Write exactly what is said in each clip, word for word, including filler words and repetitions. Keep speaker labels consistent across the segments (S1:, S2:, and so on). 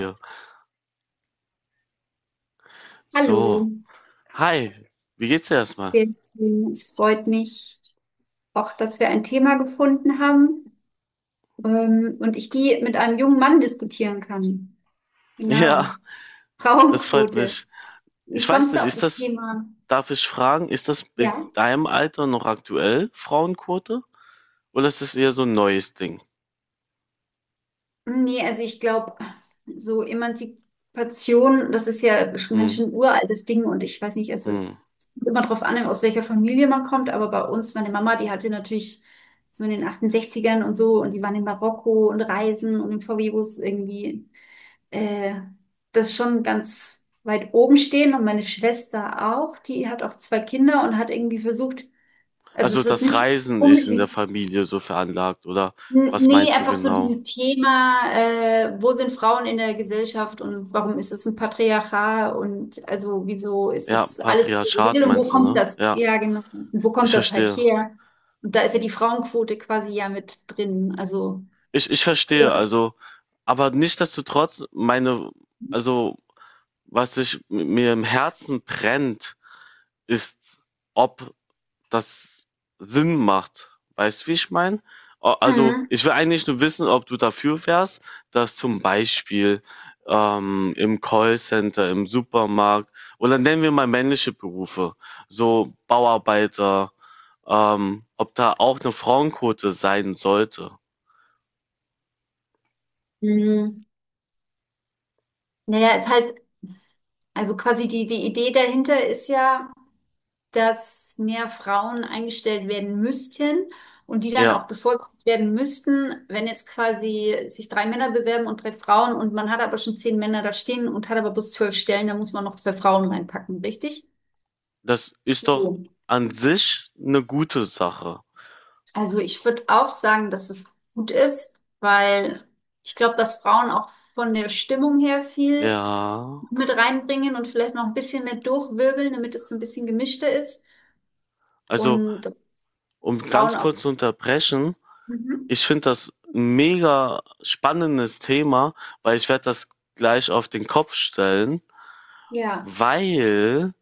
S1: Ja, so.
S2: Hallo,
S1: Hi, wie geht's dir erstmal?
S2: sehr schön. Es freut mich auch, dass wir ein Thema gefunden haben, ähm, und ich die mit einem jungen Mann diskutieren kann.
S1: Ja,
S2: Genau.
S1: das freut
S2: Frauenquote.
S1: mich.
S2: Wie
S1: Ich weiß
S2: kommst du
S1: nicht,
S2: auf
S1: ist
S2: das
S1: das,
S2: Thema?
S1: darf ich fragen, ist das
S2: Ja?
S1: in deinem Alter noch aktuell, Frauenquote? Oder ist das eher so ein neues Ding?
S2: Nee, also ich glaube, so Emanzipation, das ist ja schon ein ganz
S1: Hm,
S2: schön uraltes Ding, und ich weiß nicht, also
S1: hm.
S2: es kommt immer drauf an, aus welcher Familie man kommt, aber bei uns, meine Mama, die hatte natürlich so in den achtundsechzigern und so, und die waren in Marokko und Reisen und im V W-Bus irgendwie äh, das schon ganz weit oben stehen, und meine Schwester auch, die hat auch zwei Kinder und hat irgendwie versucht, also es
S1: Also
S2: ist jetzt
S1: das
S2: nicht
S1: Reisen ist in der
S2: unbedingt,
S1: Familie so veranlagt, oder
S2: n-
S1: was
S2: nee,
S1: meinst du
S2: einfach so
S1: genau?
S2: dieses Thema, äh, wo sind Frauen in der Gesellschaft und warum ist es ein Patriarchat und also wieso ist
S1: Ja,
S2: das alles so
S1: Patriarchat
S2: geregelt und wo
S1: meinst du,
S2: kommt
S1: ne?
S2: das?
S1: Ja,
S2: Ja, genau. Und wo
S1: ich
S2: kommt das halt
S1: verstehe.
S2: her? Und da ist ja die Frauenquote quasi ja mit drin, also.
S1: Ich, ich verstehe, also, aber nichtsdestotrotz, meine, also, was sich m- mir im Herzen brennt, ist, ob das Sinn macht. Weißt du, wie ich meine? Also,
S2: Mhm.
S1: ich will eigentlich nur wissen, ob du dafür wärst, dass zum Beispiel ähm, im Callcenter, im Supermarkt oder nennen wir mal männliche Berufe, so Bauarbeiter, ähm, ob da auch eine Frauenquote sein sollte.
S2: Mhm. Naja, ist halt, also quasi die, die Idee dahinter ist ja, dass mehr Frauen eingestellt werden müssten und die dann
S1: Ja,
S2: auch bevorzugt werden müssten, wenn jetzt quasi sich drei Männer bewerben und drei Frauen, und man hat aber schon zehn Männer da stehen und hat aber bis zwölf Stellen, da muss man noch zwei Frauen reinpacken, richtig?
S1: das ist doch
S2: So.
S1: an sich eine gute Sache.
S2: Also ich würde auch sagen, dass es gut ist, weil ich glaube, dass Frauen auch von der Stimmung her viel
S1: Ja,
S2: mit reinbringen und vielleicht noch ein bisschen mehr durchwirbeln, damit es so ein bisschen gemischter ist,
S1: also
S2: und das
S1: um
S2: Frauen
S1: ganz
S2: auch.
S1: kurz zu unterbrechen,
S2: Mhm.
S1: ich finde das 'n mega spannendes Thema, weil ich werde das gleich auf den Kopf stellen,
S2: Ja,
S1: weil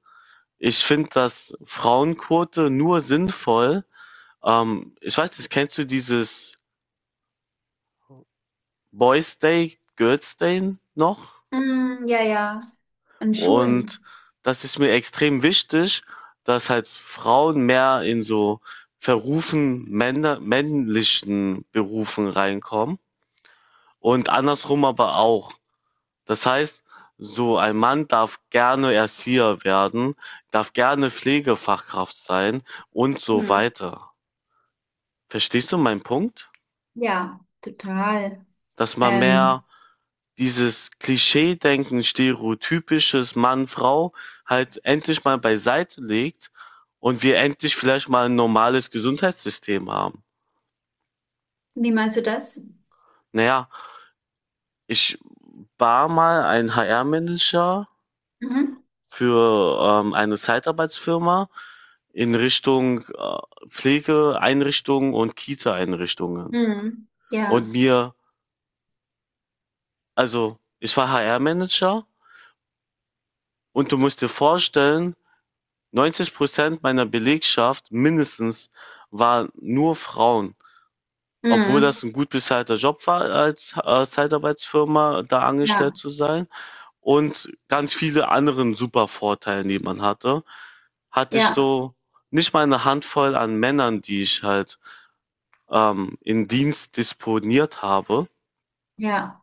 S1: ich finde das Frauenquote nur sinnvoll. Ähm, ich weiß nicht, kennst du dieses Boys' Day, Girls' Day noch?
S2: mm, ja, ja, an
S1: Und
S2: Schulen.
S1: das ist mir extrem wichtig, dass halt Frauen mehr in so verrufen männer männlichen Berufen reinkommen und andersrum aber auch. Das heißt, so ein Mann darf gerne Erzieher werden, darf gerne Pflegefachkraft sein und so
S2: Mhm.
S1: weiter. Verstehst du meinen Punkt?
S2: Ja, total.
S1: Dass man mehr
S2: Ähm,
S1: dieses Klischee-Denken, stereotypisches Mann-Frau halt endlich mal beiseite legt und wir endlich vielleicht mal ein normales Gesundheitssystem haben.
S2: wie meinst du das?
S1: Naja, ich war mal ein H R-Manager
S2: Mhm.
S1: für ähm, eine Zeitarbeitsfirma in Richtung äh, Pflegeeinrichtungen und Kita-Einrichtungen.
S2: Mhm.
S1: Und
S2: Ja,
S1: mir, also ich war H R-Manager und du musst dir vorstellen, neunzig Prozent meiner Belegschaft mindestens waren nur Frauen, obwohl das
S2: mhm.
S1: ein gut bezahlter Job war, als äh, Zeitarbeitsfirma da
S2: Ja,
S1: angestellt zu sein. Und ganz viele anderen super Vorteile, die man hatte, hatte ich
S2: ja,
S1: so nicht mal eine Handvoll an Männern, die ich halt ähm, in Dienst disponiert habe.
S2: ja.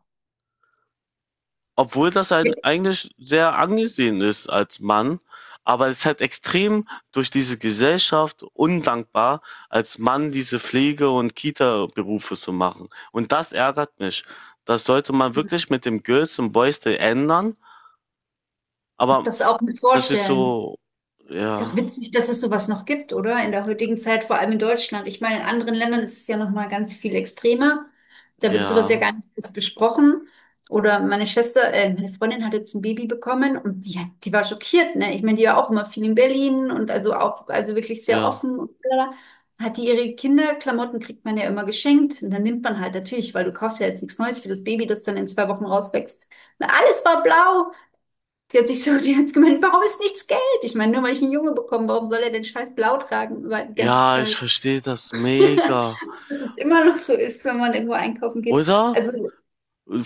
S1: Obwohl das ein, eigentlich sehr angesehen ist als Mann, aber es ist halt extrem durch diese Gesellschaft undankbar, als Mann diese Pflege- und Kita-Berufe zu machen. Und das ärgert mich. Das sollte man wirklich mit dem Girls und Boys Day ändern, aber
S2: Das auch mit
S1: das ist
S2: vorstellen.
S1: so,
S2: Ist auch
S1: ja,
S2: witzig, dass es sowas noch gibt, oder? In der heutigen Zeit, vor allem in Deutschland. Ich meine, in anderen Ländern ist es ja noch mal ganz viel extremer. Da wird sowas ja
S1: ja,
S2: gar nicht erst besprochen. Oder meine Schwester, äh, meine Freundin hat jetzt ein Baby bekommen, und die, hat- die war schockiert, ne? Ich meine, die war auch immer viel in Berlin und also auch, also wirklich sehr
S1: ja.
S2: offen und blablabla. Hat die ihre Kinderklamotten, kriegt man ja immer geschenkt, und dann nimmt man halt natürlich, weil du kaufst ja jetzt nichts Neues für das Baby, das dann in zwei Wochen rauswächst. Na, alles war blau. Sie hat sich so, die hat gemeint, warum ist nichts gelb? Ich meine, nur weil ich einen Junge bekomme, warum soll er denn scheiß blau tragen über die ganze
S1: Ja, ich
S2: Zeit?
S1: verstehe das mega,
S2: Dass es immer noch so ist, wenn man irgendwo einkaufen geht.
S1: oder?
S2: Also,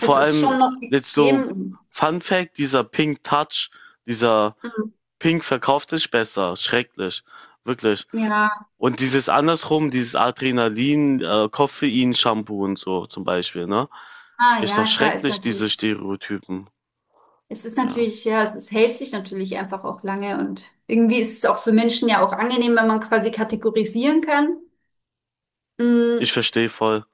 S2: es ist schon
S1: allem
S2: noch
S1: jetzt so
S2: extrem.
S1: Fun Fact, dieser Pink Touch, dieser
S2: Mhm.
S1: Pink verkauft sich besser, schrecklich, wirklich.
S2: Ja,
S1: Und dieses andersrum, dieses Adrenalin, äh, Koffein-Shampoo und so zum Beispiel, ne?
S2: ah,
S1: Ist doch
S2: ja, klar, ist
S1: schrecklich, diese
S2: natürlich.
S1: Stereotypen.
S2: Es ist
S1: Ja,
S2: natürlich, ja, es ist, hält sich natürlich einfach auch lange, und irgendwie ist es auch für Menschen ja auch angenehm, wenn man quasi kategorisieren kann. Mm,
S1: ich verstehe voll.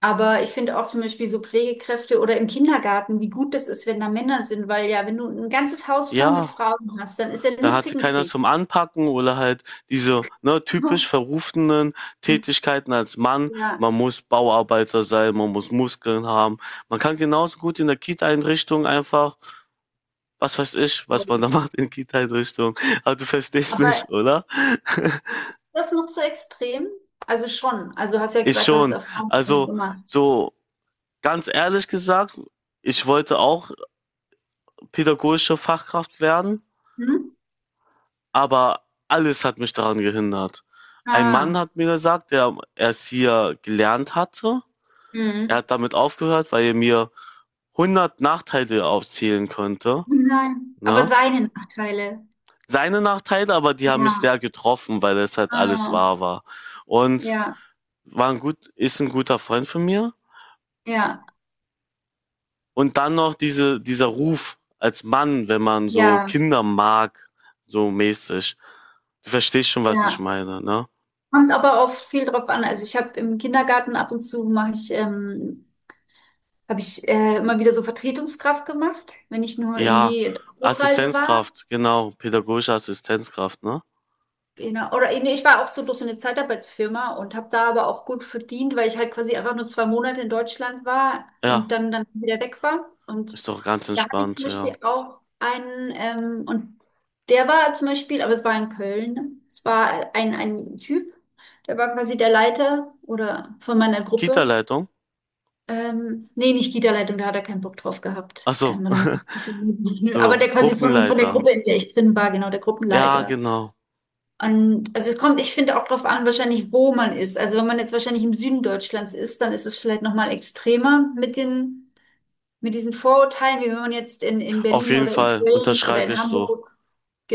S2: aber ich finde auch zum Beispiel so Pflegekräfte oder im Kindergarten, wie gut das ist, wenn da Männer sind, weil ja, wenn du ein ganzes Haus voll mit
S1: Ja.
S2: Frauen hast, dann ist ja
S1: Da
S2: nur
S1: hatte keiner
S2: Zickenkrieg.
S1: zum Anpacken oder halt diese, ne, typisch verrufenen Tätigkeiten als Mann.
S2: Ja.
S1: Man muss Bauarbeiter sein, man muss Muskeln haben. Man kann genauso gut in der Kita-Einrichtung einfach, was weiß ich, was man
S2: Voll.
S1: da macht in Kita-Einrichtung. Aber du verstehst mich,
S2: Aber
S1: oder?
S2: ist das noch so extrem? Also schon. Also du hast ja
S1: Ich
S2: gesagt, du hast
S1: schon.
S2: Erfahrungen damit
S1: Also
S2: gemacht.
S1: so ganz ehrlich gesagt, ich wollte auch pädagogische Fachkraft werden.
S2: Hm?
S1: Aber alles hat mich daran gehindert. Ein Mann
S2: Ah.
S1: hat mir gesagt, der es hier gelernt hatte. Er
S2: Hm.
S1: hat damit aufgehört, weil er mir hundert Nachteile aufzählen könnte.
S2: Nein. Aber
S1: Ne?
S2: seine Nachteile.
S1: Seine Nachteile, aber die haben mich
S2: Ja.
S1: sehr getroffen, weil es halt alles
S2: Ah.
S1: wahr war. Und
S2: Ja.
S1: war ein gut, ist ein guter Freund von mir.
S2: Ja.
S1: Und dann noch diese, dieser Ruf als Mann, wenn man so
S2: Ja.
S1: Kinder mag, so mäßig. Du verstehst schon, was ich
S2: Ja.
S1: meine, ne?
S2: Kommt aber auch viel drauf an. Also ich habe im Kindergarten, ab und zu mache ich ähm, habe ich äh, immer wieder so Vertretungskraft gemacht, wenn ich nur
S1: Ja,
S2: irgendwie in der Hochreise war.
S1: Assistenzkraft, genau, pädagogische Assistenzkraft, ne?
S2: Genau. Oder nee, ich war auch so durch so eine Zeitarbeitsfirma und habe da aber auch gut verdient, weil ich halt quasi einfach nur zwei Monate in Deutschland war und
S1: Ja,
S2: dann, dann wieder weg war. Und
S1: ist doch ganz
S2: da hatte ich zum
S1: entspannt,
S2: Beispiel
S1: ja.
S2: auch einen, ähm, und der war zum Beispiel, aber es war in Köln, ne? Es war ein, ein Typ, der war quasi der Leiter oder von meiner Gruppe.
S1: Kita-Leitung?
S2: Ähm, nee, nicht Kita-Leitung, da hat er keinen Bock drauf gehabt.
S1: Ach so,
S2: Ähm, oder man kann es ja nicht aber
S1: so,
S2: der quasi von, von der
S1: Gruppenleiter.
S2: Gruppe, in der ich drin war, genau, der
S1: Ja,
S2: Gruppenleiter.
S1: genau.
S2: Und also es kommt, ich finde, auch drauf an, wahrscheinlich, wo man ist. Also wenn man jetzt wahrscheinlich im Süden Deutschlands ist, dann ist es vielleicht nochmal extremer mit den, mit diesen Vorurteilen, wie wenn man jetzt in, in
S1: Auf
S2: Berlin
S1: jeden
S2: oder in
S1: Fall
S2: Köln oder
S1: unterschreibe
S2: in
S1: ich so.
S2: Hamburg,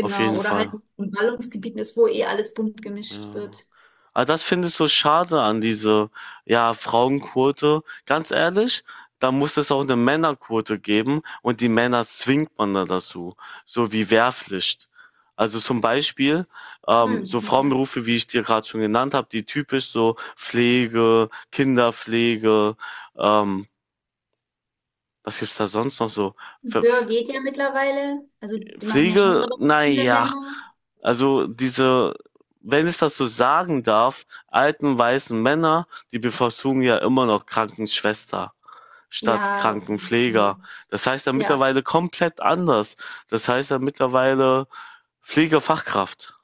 S1: Auf jeden
S2: oder halt
S1: Fall.
S2: in Ballungsgebieten ist, wo eh alles bunt gemischt
S1: Ja.
S2: wird.
S1: Aber das finde ich so schade an diese, ja, Frauenquote. Ganz ehrlich, da muss es auch eine Männerquote geben und die Männer zwingt man da dazu, so wie Wehrpflicht. Also, zum Beispiel, ähm,
S2: Hm,
S1: so
S2: ja.
S1: Frauenberufe, wie ich dir gerade schon genannt habe, die typisch so Pflege, Kinderpflege, ähm, was gibt's da sonst noch so? Ver
S2: Böhr geht ja mittlerweile. Also die machen ja schon
S1: Pflege,
S2: relativ viele
S1: naja,
S2: Männer.
S1: also diese, wenn ich das so sagen darf, alten weißen Männer, die bevorzugen ja immer noch Krankenschwester statt
S2: Ja, auf jeden Fall.
S1: Krankenpfleger. Das heißt ja
S2: Ja.
S1: mittlerweile komplett anders. Das heißt ja mittlerweile Pflegefachkraft.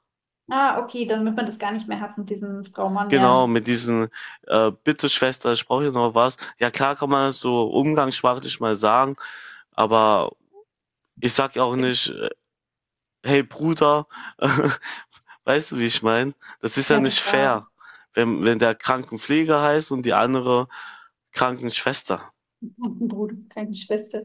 S2: Ah, okay, dann wird man das gar nicht mehr hat mit diesem Frau Mann,
S1: Genau,
S2: ja.
S1: mit diesen, äh, bitte Schwester, ich brauche hier noch was. Ja klar kann man das so umgangssprachlich mal sagen, aber ich sag ja auch nicht, äh, hey Bruder, äh, weißt du, wie ich meine? Das ist ja
S2: Ja,
S1: nicht
S2: total.
S1: fair, wenn wenn der Krankenpfleger heißt und die andere Krankenschwester.
S2: Und ein Bruder, keine Schwester.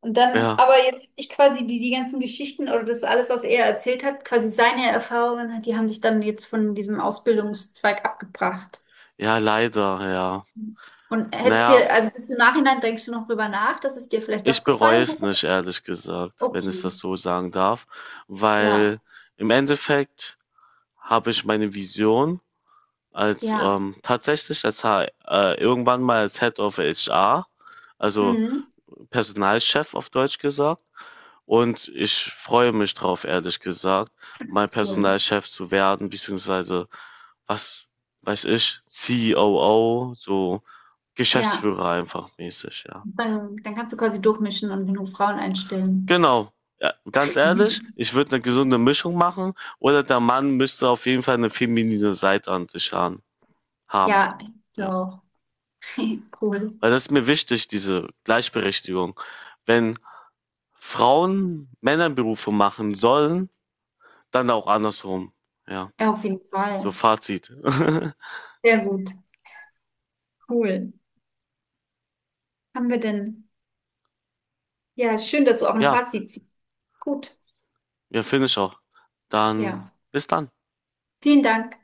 S2: Und dann,
S1: Ja,
S2: aber jetzt hat sich quasi die, die ganzen Geschichten oder das alles, was er erzählt hat, quasi seine Erfahrungen hat, die haben dich dann jetzt von diesem Ausbildungszweig abgebracht.
S1: ja, leider, ja.
S2: Und hättest
S1: Naja,
S2: dir, also bis im Nachhinein denkst du noch drüber nach, dass es dir vielleicht
S1: ich
S2: doch
S1: bereue
S2: gefallen
S1: es
S2: hat?
S1: nicht, ehrlich gesagt, wenn ich
S2: Okay.
S1: das so sagen darf, weil
S2: Ja,
S1: im Endeffekt habe ich meine Vision als,
S2: ja.
S1: ähm, tatsächlich als H äh, irgendwann mal als Head of H R, also
S2: Mhm.
S1: Personalchef auf Deutsch gesagt, und ich freue mich drauf, ehrlich gesagt,
S2: Das
S1: mein
S2: ist cool.
S1: Personalchef zu werden, beziehungsweise, was weiß ich, C O O, so
S2: Ja.
S1: Geschäftsführer einfach mäßig, ja.
S2: Dann, dann kannst du quasi durchmischen und genug Frauen einstellen.
S1: Genau. Ja, ganz ehrlich, ich würde eine gesunde Mischung machen oder der Mann müsste auf jeden Fall eine feminine Seite an sich haben. haben,
S2: Ja, ich
S1: Ja.
S2: auch. Cool.
S1: Weil das ist mir wichtig, diese Gleichberechtigung. Wenn Frauen Männerberufe machen sollen, dann auch andersrum. Ja,
S2: Ja, auf jeden
S1: so
S2: Fall.
S1: Fazit.
S2: Sehr gut. Cool. Haben wir denn? Ja, schön, dass du auch ein
S1: Ja,
S2: Fazit ziehst. Gut.
S1: ja, finde ich auch. Dann
S2: Ja.
S1: bis dann.
S2: Vielen Dank.